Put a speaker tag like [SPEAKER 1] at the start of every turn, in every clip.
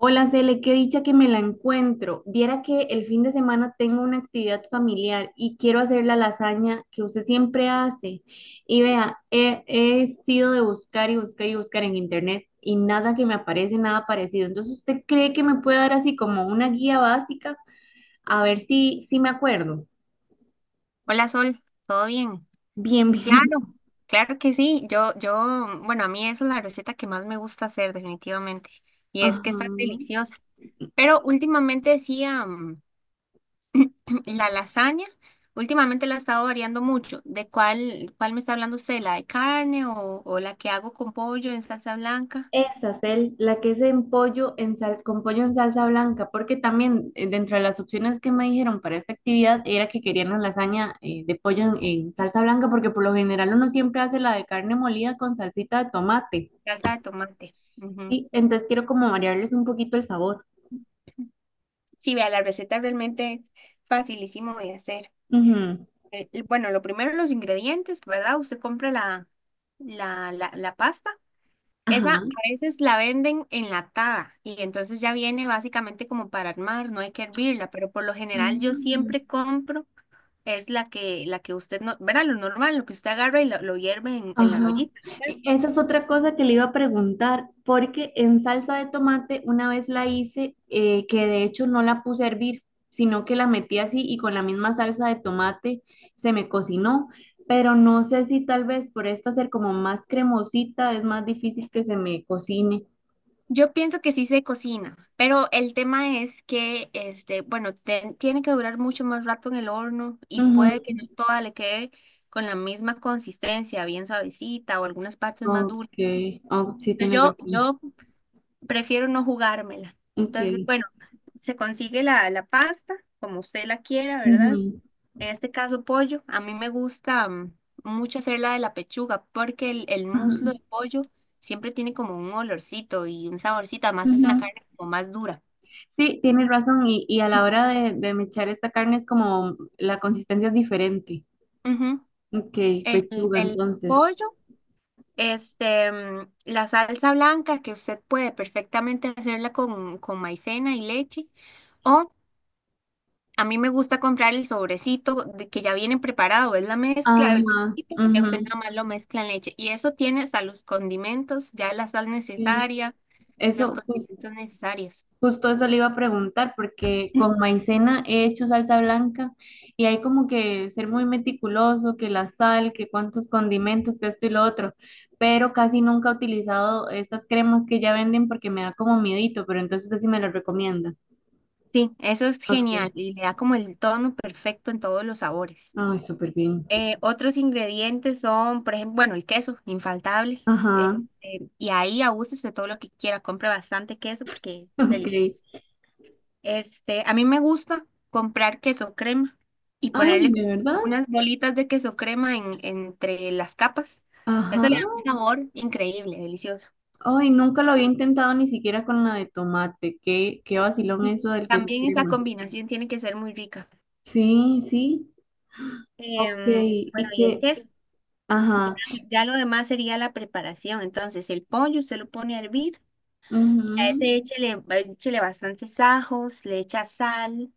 [SPEAKER 1] Hola, Cele, qué dicha que me la encuentro. Viera que el fin de semana tengo una actividad familiar y quiero hacer la lasaña que usted siempre hace. Y vea, he sido de buscar y buscar y buscar en internet y nada que me aparece, nada parecido. Entonces, ¿usted cree que me puede dar así como una guía básica? A ver si me acuerdo.
[SPEAKER 2] Hola Sol, ¿todo bien?
[SPEAKER 1] Bien, bien.
[SPEAKER 2] Claro, claro que sí. Bueno, a mí esa es la receta que más me gusta hacer definitivamente. Y es que está
[SPEAKER 1] Ajá.
[SPEAKER 2] deliciosa. Pero últimamente decía la lasaña, últimamente la he estado variando mucho. ¿De cuál me está hablando usted? ¿La de carne o la que hago con pollo en salsa blanca?
[SPEAKER 1] Esa es la que es en pollo en sal, con pollo en salsa blanca, porque también dentro de las opciones que me dijeron para esta actividad era que querían la lasaña de pollo en salsa blanca, porque por lo general uno siempre hace la de carne molida con salsita de tomate.
[SPEAKER 2] Salsa de tomate. Ujú.
[SPEAKER 1] Sí, entonces quiero como variarles un poquito el sabor.
[SPEAKER 2] Sí, vea, la receta realmente es facilísimo de hacer.
[SPEAKER 1] Ujú,
[SPEAKER 2] Y bueno, lo primero los ingredientes, ¿verdad? Usted compra la pasta. Esa a
[SPEAKER 1] ajá.
[SPEAKER 2] veces la venden enlatada y entonces ya viene básicamente como para armar, no hay que hervirla, pero por lo general yo siempre
[SPEAKER 1] Ah,
[SPEAKER 2] compro, es la que usted, no, ¿verdad? Lo normal, lo que usted agarra y lo hierve en la
[SPEAKER 1] ajá.
[SPEAKER 2] ollita.
[SPEAKER 1] Esa es otra cosa que le iba a preguntar, porque en salsa de tomate una vez la hice, que de hecho no la puse a hervir, sino que la metí así y con la misma salsa de tomate se me cocinó, pero no sé si tal vez por esta ser como más cremosita es más difícil que se me cocine.
[SPEAKER 2] Yo pienso que sí se cocina, pero el tema es que, este, bueno, tiene que durar mucho más rato en el horno y
[SPEAKER 1] Ujú.
[SPEAKER 2] puede que no toda le quede con la misma consistencia, bien suavecita o algunas partes más duras.
[SPEAKER 1] Ok, oh, sí
[SPEAKER 2] Entonces,
[SPEAKER 1] tienes
[SPEAKER 2] Yo,
[SPEAKER 1] razón.
[SPEAKER 2] yo prefiero no jugármela. Entonces,
[SPEAKER 1] Ok.
[SPEAKER 2] bueno, se consigue la pasta como usted la quiera, ¿verdad?
[SPEAKER 1] Ujú.
[SPEAKER 2] En este caso, pollo. A mí me gusta mucho hacer la de la pechuga porque el
[SPEAKER 1] Ajá.
[SPEAKER 2] muslo de pollo siempre tiene como un olorcito y un saborcito. Además, es una
[SPEAKER 1] Ujú.
[SPEAKER 2] carne como más dura.
[SPEAKER 1] Sí, tienes razón. Y a la hora de mechar esta carne es como la consistencia es diferente.
[SPEAKER 2] Ujú.
[SPEAKER 1] Ok,
[SPEAKER 2] El,
[SPEAKER 1] pechuga,
[SPEAKER 2] el
[SPEAKER 1] entonces.
[SPEAKER 2] pollo, la salsa blanca que usted puede perfectamente hacerla con maicena y leche. O a mí me gusta comprar el sobrecito de que ya viene preparado, es la mezcla del
[SPEAKER 1] Ajá,
[SPEAKER 2] poquito, que usted
[SPEAKER 1] ujú.
[SPEAKER 2] nada más lo mezcla en leche. Y eso tiene hasta los condimentos, ya la sal
[SPEAKER 1] Eh,
[SPEAKER 2] necesaria, los
[SPEAKER 1] Eso, pues,
[SPEAKER 2] condimentos necesarios.
[SPEAKER 1] justo eso le iba a preguntar, porque con maicena he hecho salsa blanca y hay como que ser muy meticuloso, que la sal, que cuántos condimentos, que esto y lo otro. Pero casi nunca he utilizado estas cremas que ya venden porque me da como miedito, pero entonces usted sí me las recomienda.
[SPEAKER 2] Sí, eso es
[SPEAKER 1] Ok.
[SPEAKER 2] genial y le da como el tono perfecto en todos los sabores.
[SPEAKER 1] Ay, súper bien.
[SPEAKER 2] Otros ingredientes son, por ejemplo, bueno, el queso, infaltable.
[SPEAKER 1] Ajá.
[SPEAKER 2] Este, y ahí abúsese todo lo que quiera, compre bastante queso porque es
[SPEAKER 1] Ok.
[SPEAKER 2] delicioso. Este, a mí me gusta comprar queso crema y
[SPEAKER 1] Ay,
[SPEAKER 2] ponerle como
[SPEAKER 1] ¿de verdad?
[SPEAKER 2] unas bolitas de queso crema entre las capas.
[SPEAKER 1] Ajá.
[SPEAKER 2] Eso le da un sabor increíble, delicioso.
[SPEAKER 1] Ay, nunca lo había intentado ni siquiera con la de tomate. Qué, qué vacilón
[SPEAKER 2] Y
[SPEAKER 1] eso del queso
[SPEAKER 2] también esa
[SPEAKER 1] crema.
[SPEAKER 2] combinación tiene que ser muy rica.
[SPEAKER 1] Sí, sí. Ok.
[SPEAKER 2] Bueno,
[SPEAKER 1] Y
[SPEAKER 2] y el
[SPEAKER 1] que,
[SPEAKER 2] queso. Ya,
[SPEAKER 1] ajá.
[SPEAKER 2] ya lo demás sería la preparación. Entonces, el pollo usted lo pone a hervir. A
[SPEAKER 1] Ujú.
[SPEAKER 2] ese échele, échele bastantes ajos, le echa sal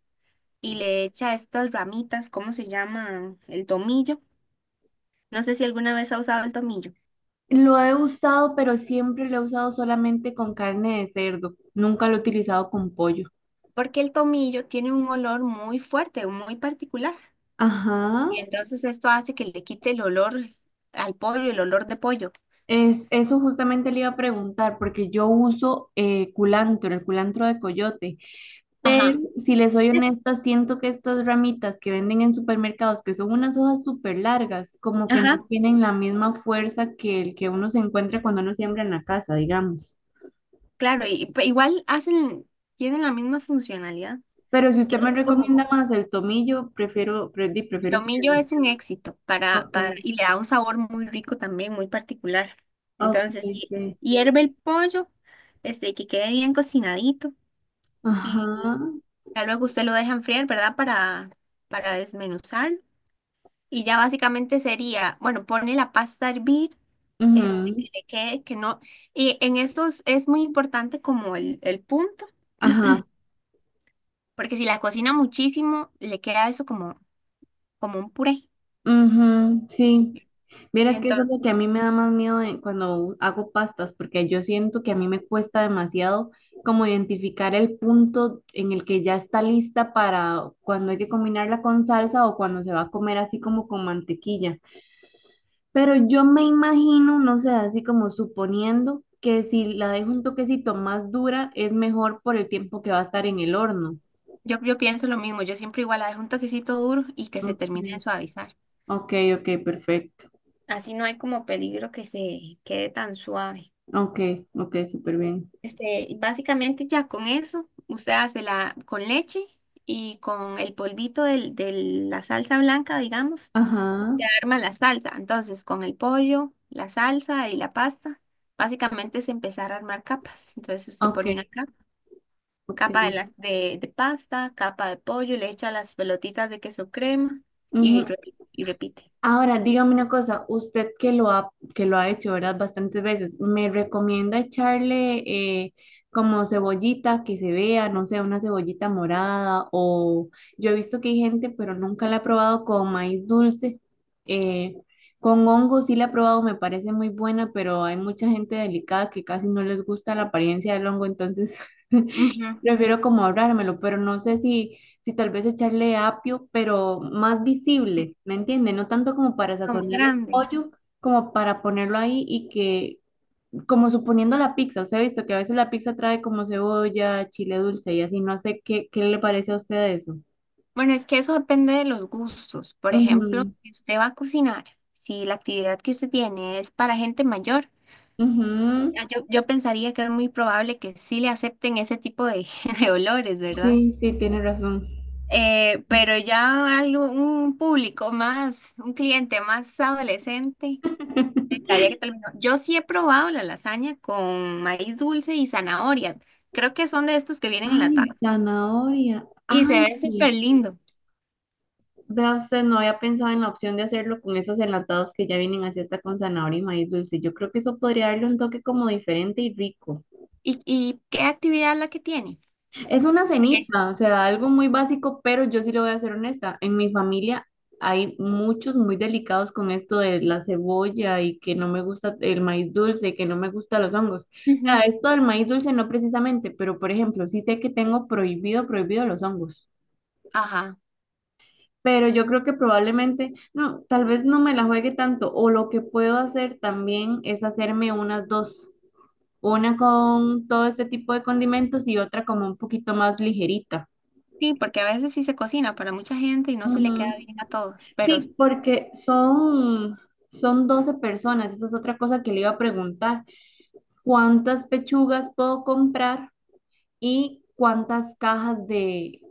[SPEAKER 2] y le echa estas ramitas, ¿cómo se llaman? El tomillo. No sé si alguna vez ha usado el tomillo.
[SPEAKER 1] Lo he usado, pero siempre lo he usado solamente con carne de cerdo. Nunca lo he utilizado con pollo.
[SPEAKER 2] Porque el tomillo tiene un olor muy fuerte, muy particular.
[SPEAKER 1] Ajá.
[SPEAKER 2] Y entonces esto hace que le quite el olor al pollo, el olor de pollo.
[SPEAKER 1] Eso justamente le iba a preguntar, porque yo uso culantro, el culantro de coyote. Pero
[SPEAKER 2] Ajá.
[SPEAKER 1] si les soy honesta, siento que estas ramitas que venden en supermercados, que son unas hojas súper largas, como que no
[SPEAKER 2] Ajá.
[SPEAKER 1] tienen la misma fuerza que el que uno se encuentra cuando uno siembra en la casa, digamos.
[SPEAKER 2] Claro, y, igual hacen, tienen la misma funcionalidad,
[SPEAKER 1] Pero si
[SPEAKER 2] que
[SPEAKER 1] usted me
[SPEAKER 2] es como
[SPEAKER 1] recomienda más el tomillo, prefiero,
[SPEAKER 2] el
[SPEAKER 1] prefiero
[SPEAKER 2] tomillo
[SPEAKER 1] usarlo.
[SPEAKER 2] es un éxito
[SPEAKER 1] Ok,
[SPEAKER 2] para, y le da un sabor muy rico también, muy particular.
[SPEAKER 1] ok,
[SPEAKER 2] Entonces,
[SPEAKER 1] ok.
[SPEAKER 2] hierve el pollo, este, que quede bien cocinadito, y
[SPEAKER 1] Ajá,
[SPEAKER 2] ya luego usted lo deja enfriar, ¿verdad? Para desmenuzar. Y ya básicamente sería, bueno, pone la pasta a hervir, este, que
[SPEAKER 1] ujú,
[SPEAKER 2] le quede, que no. Y en estos es muy importante como el punto,
[SPEAKER 1] ajá,
[SPEAKER 2] porque si la cocina muchísimo, le queda eso como, como un puré.
[SPEAKER 1] ujú, sí. Vieras que eso es lo que
[SPEAKER 2] Entonces,
[SPEAKER 1] a mí me da más miedo cuando hago pastas, porque yo siento que a mí me cuesta demasiado como identificar el punto en el que ya está lista para cuando hay que combinarla con salsa o cuando se va a comer así como con mantequilla. Pero yo me imagino, no sé, así como suponiendo que si la dejo un toquecito más dura es mejor por el tiempo que va a estar en el horno.
[SPEAKER 2] yo pienso lo mismo, yo siempre igual la dejo un toquecito duro y que se termine de
[SPEAKER 1] Ok,
[SPEAKER 2] suavizar.
[SPEAKER 1] ok, ok, perfecto.
[SPEAKER 2] Así no hay como peligro que se quede tan suave.
[SPEAKER 1] Ok, ok, súper bien.
[SPEAKER 2] Este, y básicamente ya con eso, usted hace la con leche y con el polvito de la salsa blanca, digamos,
[SPEAKER 1] Ajá,
[SPEAKER 2] usted arma la salsa. Entonces, con el pollo, la salsa y la pasta, básicamente es empezar a armar capas. Entonces, usted
[SPEAKER 1] ok,
[SPEAKER 2] pone una capa,
[SPEAKER 1] ok.
[SPEAKER 2] capa de, las, de pasta, capa de pollo, le echa las pelotitas de queso crema y,
[SPEAKER 1] Ujú,
[SPEAKER 2] y repite.
[SPEAKER 1] ahora, dígame una cosa, usted que lo ha hecho, ¿verdad? Bastantes veces, ¿me recomienda echarle eh, como cebollita que se vea, no sé, una cebollita morada? O yo he visto que hay gente, pero nunca la he probado con maíz dulce. eh, con hongo sí la he probado, me parece muy buena, pero hay mucha gente delicada que casi no les gusta la apariencia del hongo, entonces
[SPEAKER 2] Ujú.
[SPEAKER 1] prefiero como ahorrármelo, pero no sé si tal vez echarle apio, pero más visible, ¿me entiende? No tanto como para
[SPEAKER 2] Como
[SPEAKER 1] sazonar el
[SPEAKER 2] grande.
[SPEAKER 1] pollo, como para ponerlo ahí y que, como suponiendo la pizza, usted ha visto que a veces la pizza trae como cebolla, chile dulce y así, no sé qué, qué le parece a usted eso.
[SPEAKER 2] Bueno, es que eso depende de los gustos. Por ejemplo,
[SPEAKER 1] Ujú,
[SPEAKER 2] si usted va a cocinar, si la actividad que usted tiene es para gente mayor,
[SPEAKER 1] ujú.
[SPEAKER 2] ya yo pensaría que es muy probable que sí le acepten ese tipo de, de olores, ¿verdad?
[SPEAKER 1] Sí, sí, tiene razón.
[SPEAKER 2] Pero ya algo, un público más, un cliente más adolescente, estaría que tal vez no. Yo sí he probado la lasaña con maíz dulce y zanahoria. Creo que son de estos que vienen
[SPEAKER 1] Ay,
[SPEAKER 2] enlatados.
[SPEAKER 1] zanahoria.
[SPEAKER 2] Y se
[SPEAKER 1] Ay,
[SPEAKER 2] ve
[SPEAKER 1] sí.
[SPEAKER 2] súper lindo.
[SPEAKER 1] Vea usted, no había pensado en la opción de hacerlo con esos enlatados que ya vienen así hasta con zanahoria y maíz dulce. Yo creo que eso podría darle un toque como diferente y rico.
[SPEAKER 2] Y qué actividad es la que tiene?
[SPEAKER 1] Es una
[SPEAKER 2] ¿Por
[SPEAKER 1] cenita, o sea, algo muy básico, pero yo sí le voy a ser honesta. En mi familia hay muchos muy delicados con esto de la cebolla y que no me gusta el maíz dulce, que no me gustan los hongos.
[SPEAKER 2] qué?
[SPEAKER 1] O sea, esto del maíz dulce no precisamente, pero por ejemplo, sí sé que tengo prohibido, prohibido los hongos.
[SPEAKER 2] Ajá.
[SPEAKER 1] Pero yo creo que probablemente, no, tal vez no me la juegue tanto, o lo que puedo hacer también es hacerme unas dos, una con todo este tipo de condimentos y otra como un poquito más ligerita.
[SPEAKER 2] Sí, porque a veces sí se cocina para mucha gente y no se le queda
[SPEAKER 1] Ujú.
[SPEAKER 2] bien a todos. Pero
[SPEAKER 1] Sí, porque son, son 12 personas, esa es otra cosa que le iba a preguntar, ¿cuántas pechugas puedo comprar y cuántas cajas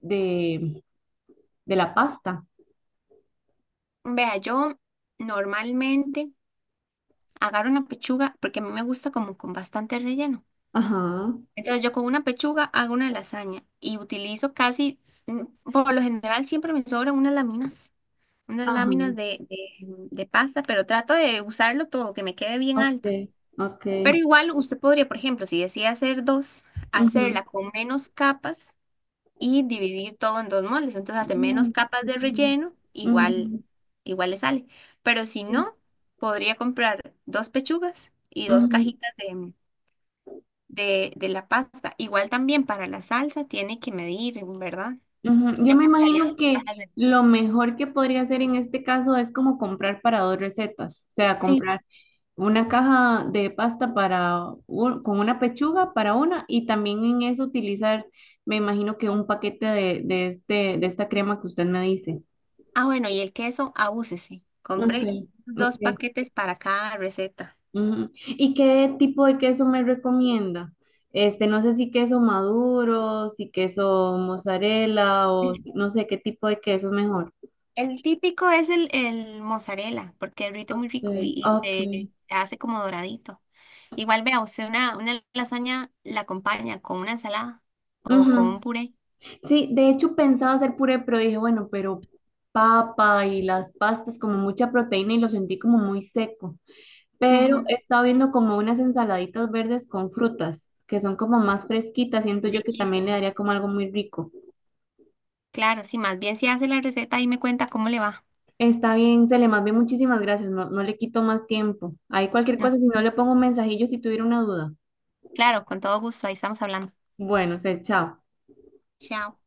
[SPEAKER 1] de, de la pasta?
[SPEAKER 2] vea, yo normalmente agarro una pechuga porque a mí me gusta como con bastante relleno.
[SPEAKER 1] Ajá,
[SPEAKER 2] Entonces yo con una pechuga hago una lasaña y utilizo casi, mm, por lo general siempre me sobran unas
[SPEAKER 1] ajá,
[SPEAKER 2] láminas de pasta, pero trato de usarlo todo, que me quede bien
[SPEAKER 1] ok,
[SPEAKER 2] alta.
[SPEAKER 1] ok.
[SPEAKER 2] Pero igual usted podría, por ejemplo, si decide hacer 2,
[SPEAKER 1] Ujú.
[SPEAKER 2] hacerla con menos capas y dividir todo en 2 moldes. Entonces hace menos
[SPEAKER 1] Mm,
[SPEAKER 2] capas de relleno, igual,
[SPEAKER 1] ujú,
[SPEAKER 2] igual le sale. Pero si
[SPEAKER 1] sí,
[SPEAKER 2] no, podría comprar 2 pechugas y dos
[SPEAKER 1] ujú,
[SPEAKER 2] cajitas de la pasta. Igual también para la salsa tiene que medir, ¿verdad?
[SPEAKER 1] ujú. Yo
[SPEAKER 2] Yo
[SPEAKER 1] me
[SPEAKER 2] compraría
[SPEAKER 1] imagino
[SPEAKER 2] dos
[SPEAKER 1] que
[SPEAKER 2] cajas de... leche.
[SPEAKER 1] lo mejor que podría hacer en este caso es como comprar para dos recetas, o sea,
[SPEAKER 2] Sí.
[SPEAKER 1] comprar una caja de pasta para con una pechuga para una y también en eso utilizar, me imagino que un paquete de esta crema que usted me dice.
[SPEAKER 2] Ah, bueno, y el queso, abúsese.
[SPEAKER 1] Ok,
[SPEAKER 2] Compre
[SPEAKER 1] ok.
[SPEAKER 2] 2 paquetes para cada receta.
[SPEAKER 1] Ujú. ¿Y qué tipo de queso me recomienda? Este, no sé si queso maduro, si queso mozzarella o
[SPEAKER 2] Sí.
[SPEAKER 1] no sé qué tipo de queso es mejor.
[SPEAKER 2] El típico es el mozzarella, porque derrite muy rico
[SPEAKER 1] Sí.
[SPEAKER 2] y
[SPEAKER 1] Ok.
[SPEAKER 2] se hace como doradito. Igual vea, usted una lasaña la acompaña con una ensalada o con
[SPEAKER 1] Ujú.
[SPEAKER 2] un puré.
[SPEAKER 1] Sí, de hecho pensaba hacer puré, pero dije, bueno, pero papa y las pastas como mucha proteína y lo sentí como muy seco. Pero
[SPEAKER 2] Ujú.
[SPEAKER 1] he estado viendo como unas ensaladitas verdes con frutas, que son como más fresquitas, siento yo que también le
[SPEAKER 2] Riquísimas.
[SPEAKER 1] daría como algo muy rico.
[SPEAKER 2] Claro, sí, más bien si hace la receta y me cuenta cómo le va.
[SPEAKER 1] Está bien, Cele, más bien muchísimas gracias. No, no le quito más tiempo. Hay cualquier
[SPEAKER 2] No,
[SPEAKER 1] cosa, si no le pongo un mensajillo si tuviera una duda.
[SPEAKER 2] claro, con todo gusto, ahí estamos hablando.
[SPEAKER 1] Bueno, Cele, chao.
[SPEAKER 2] Chao.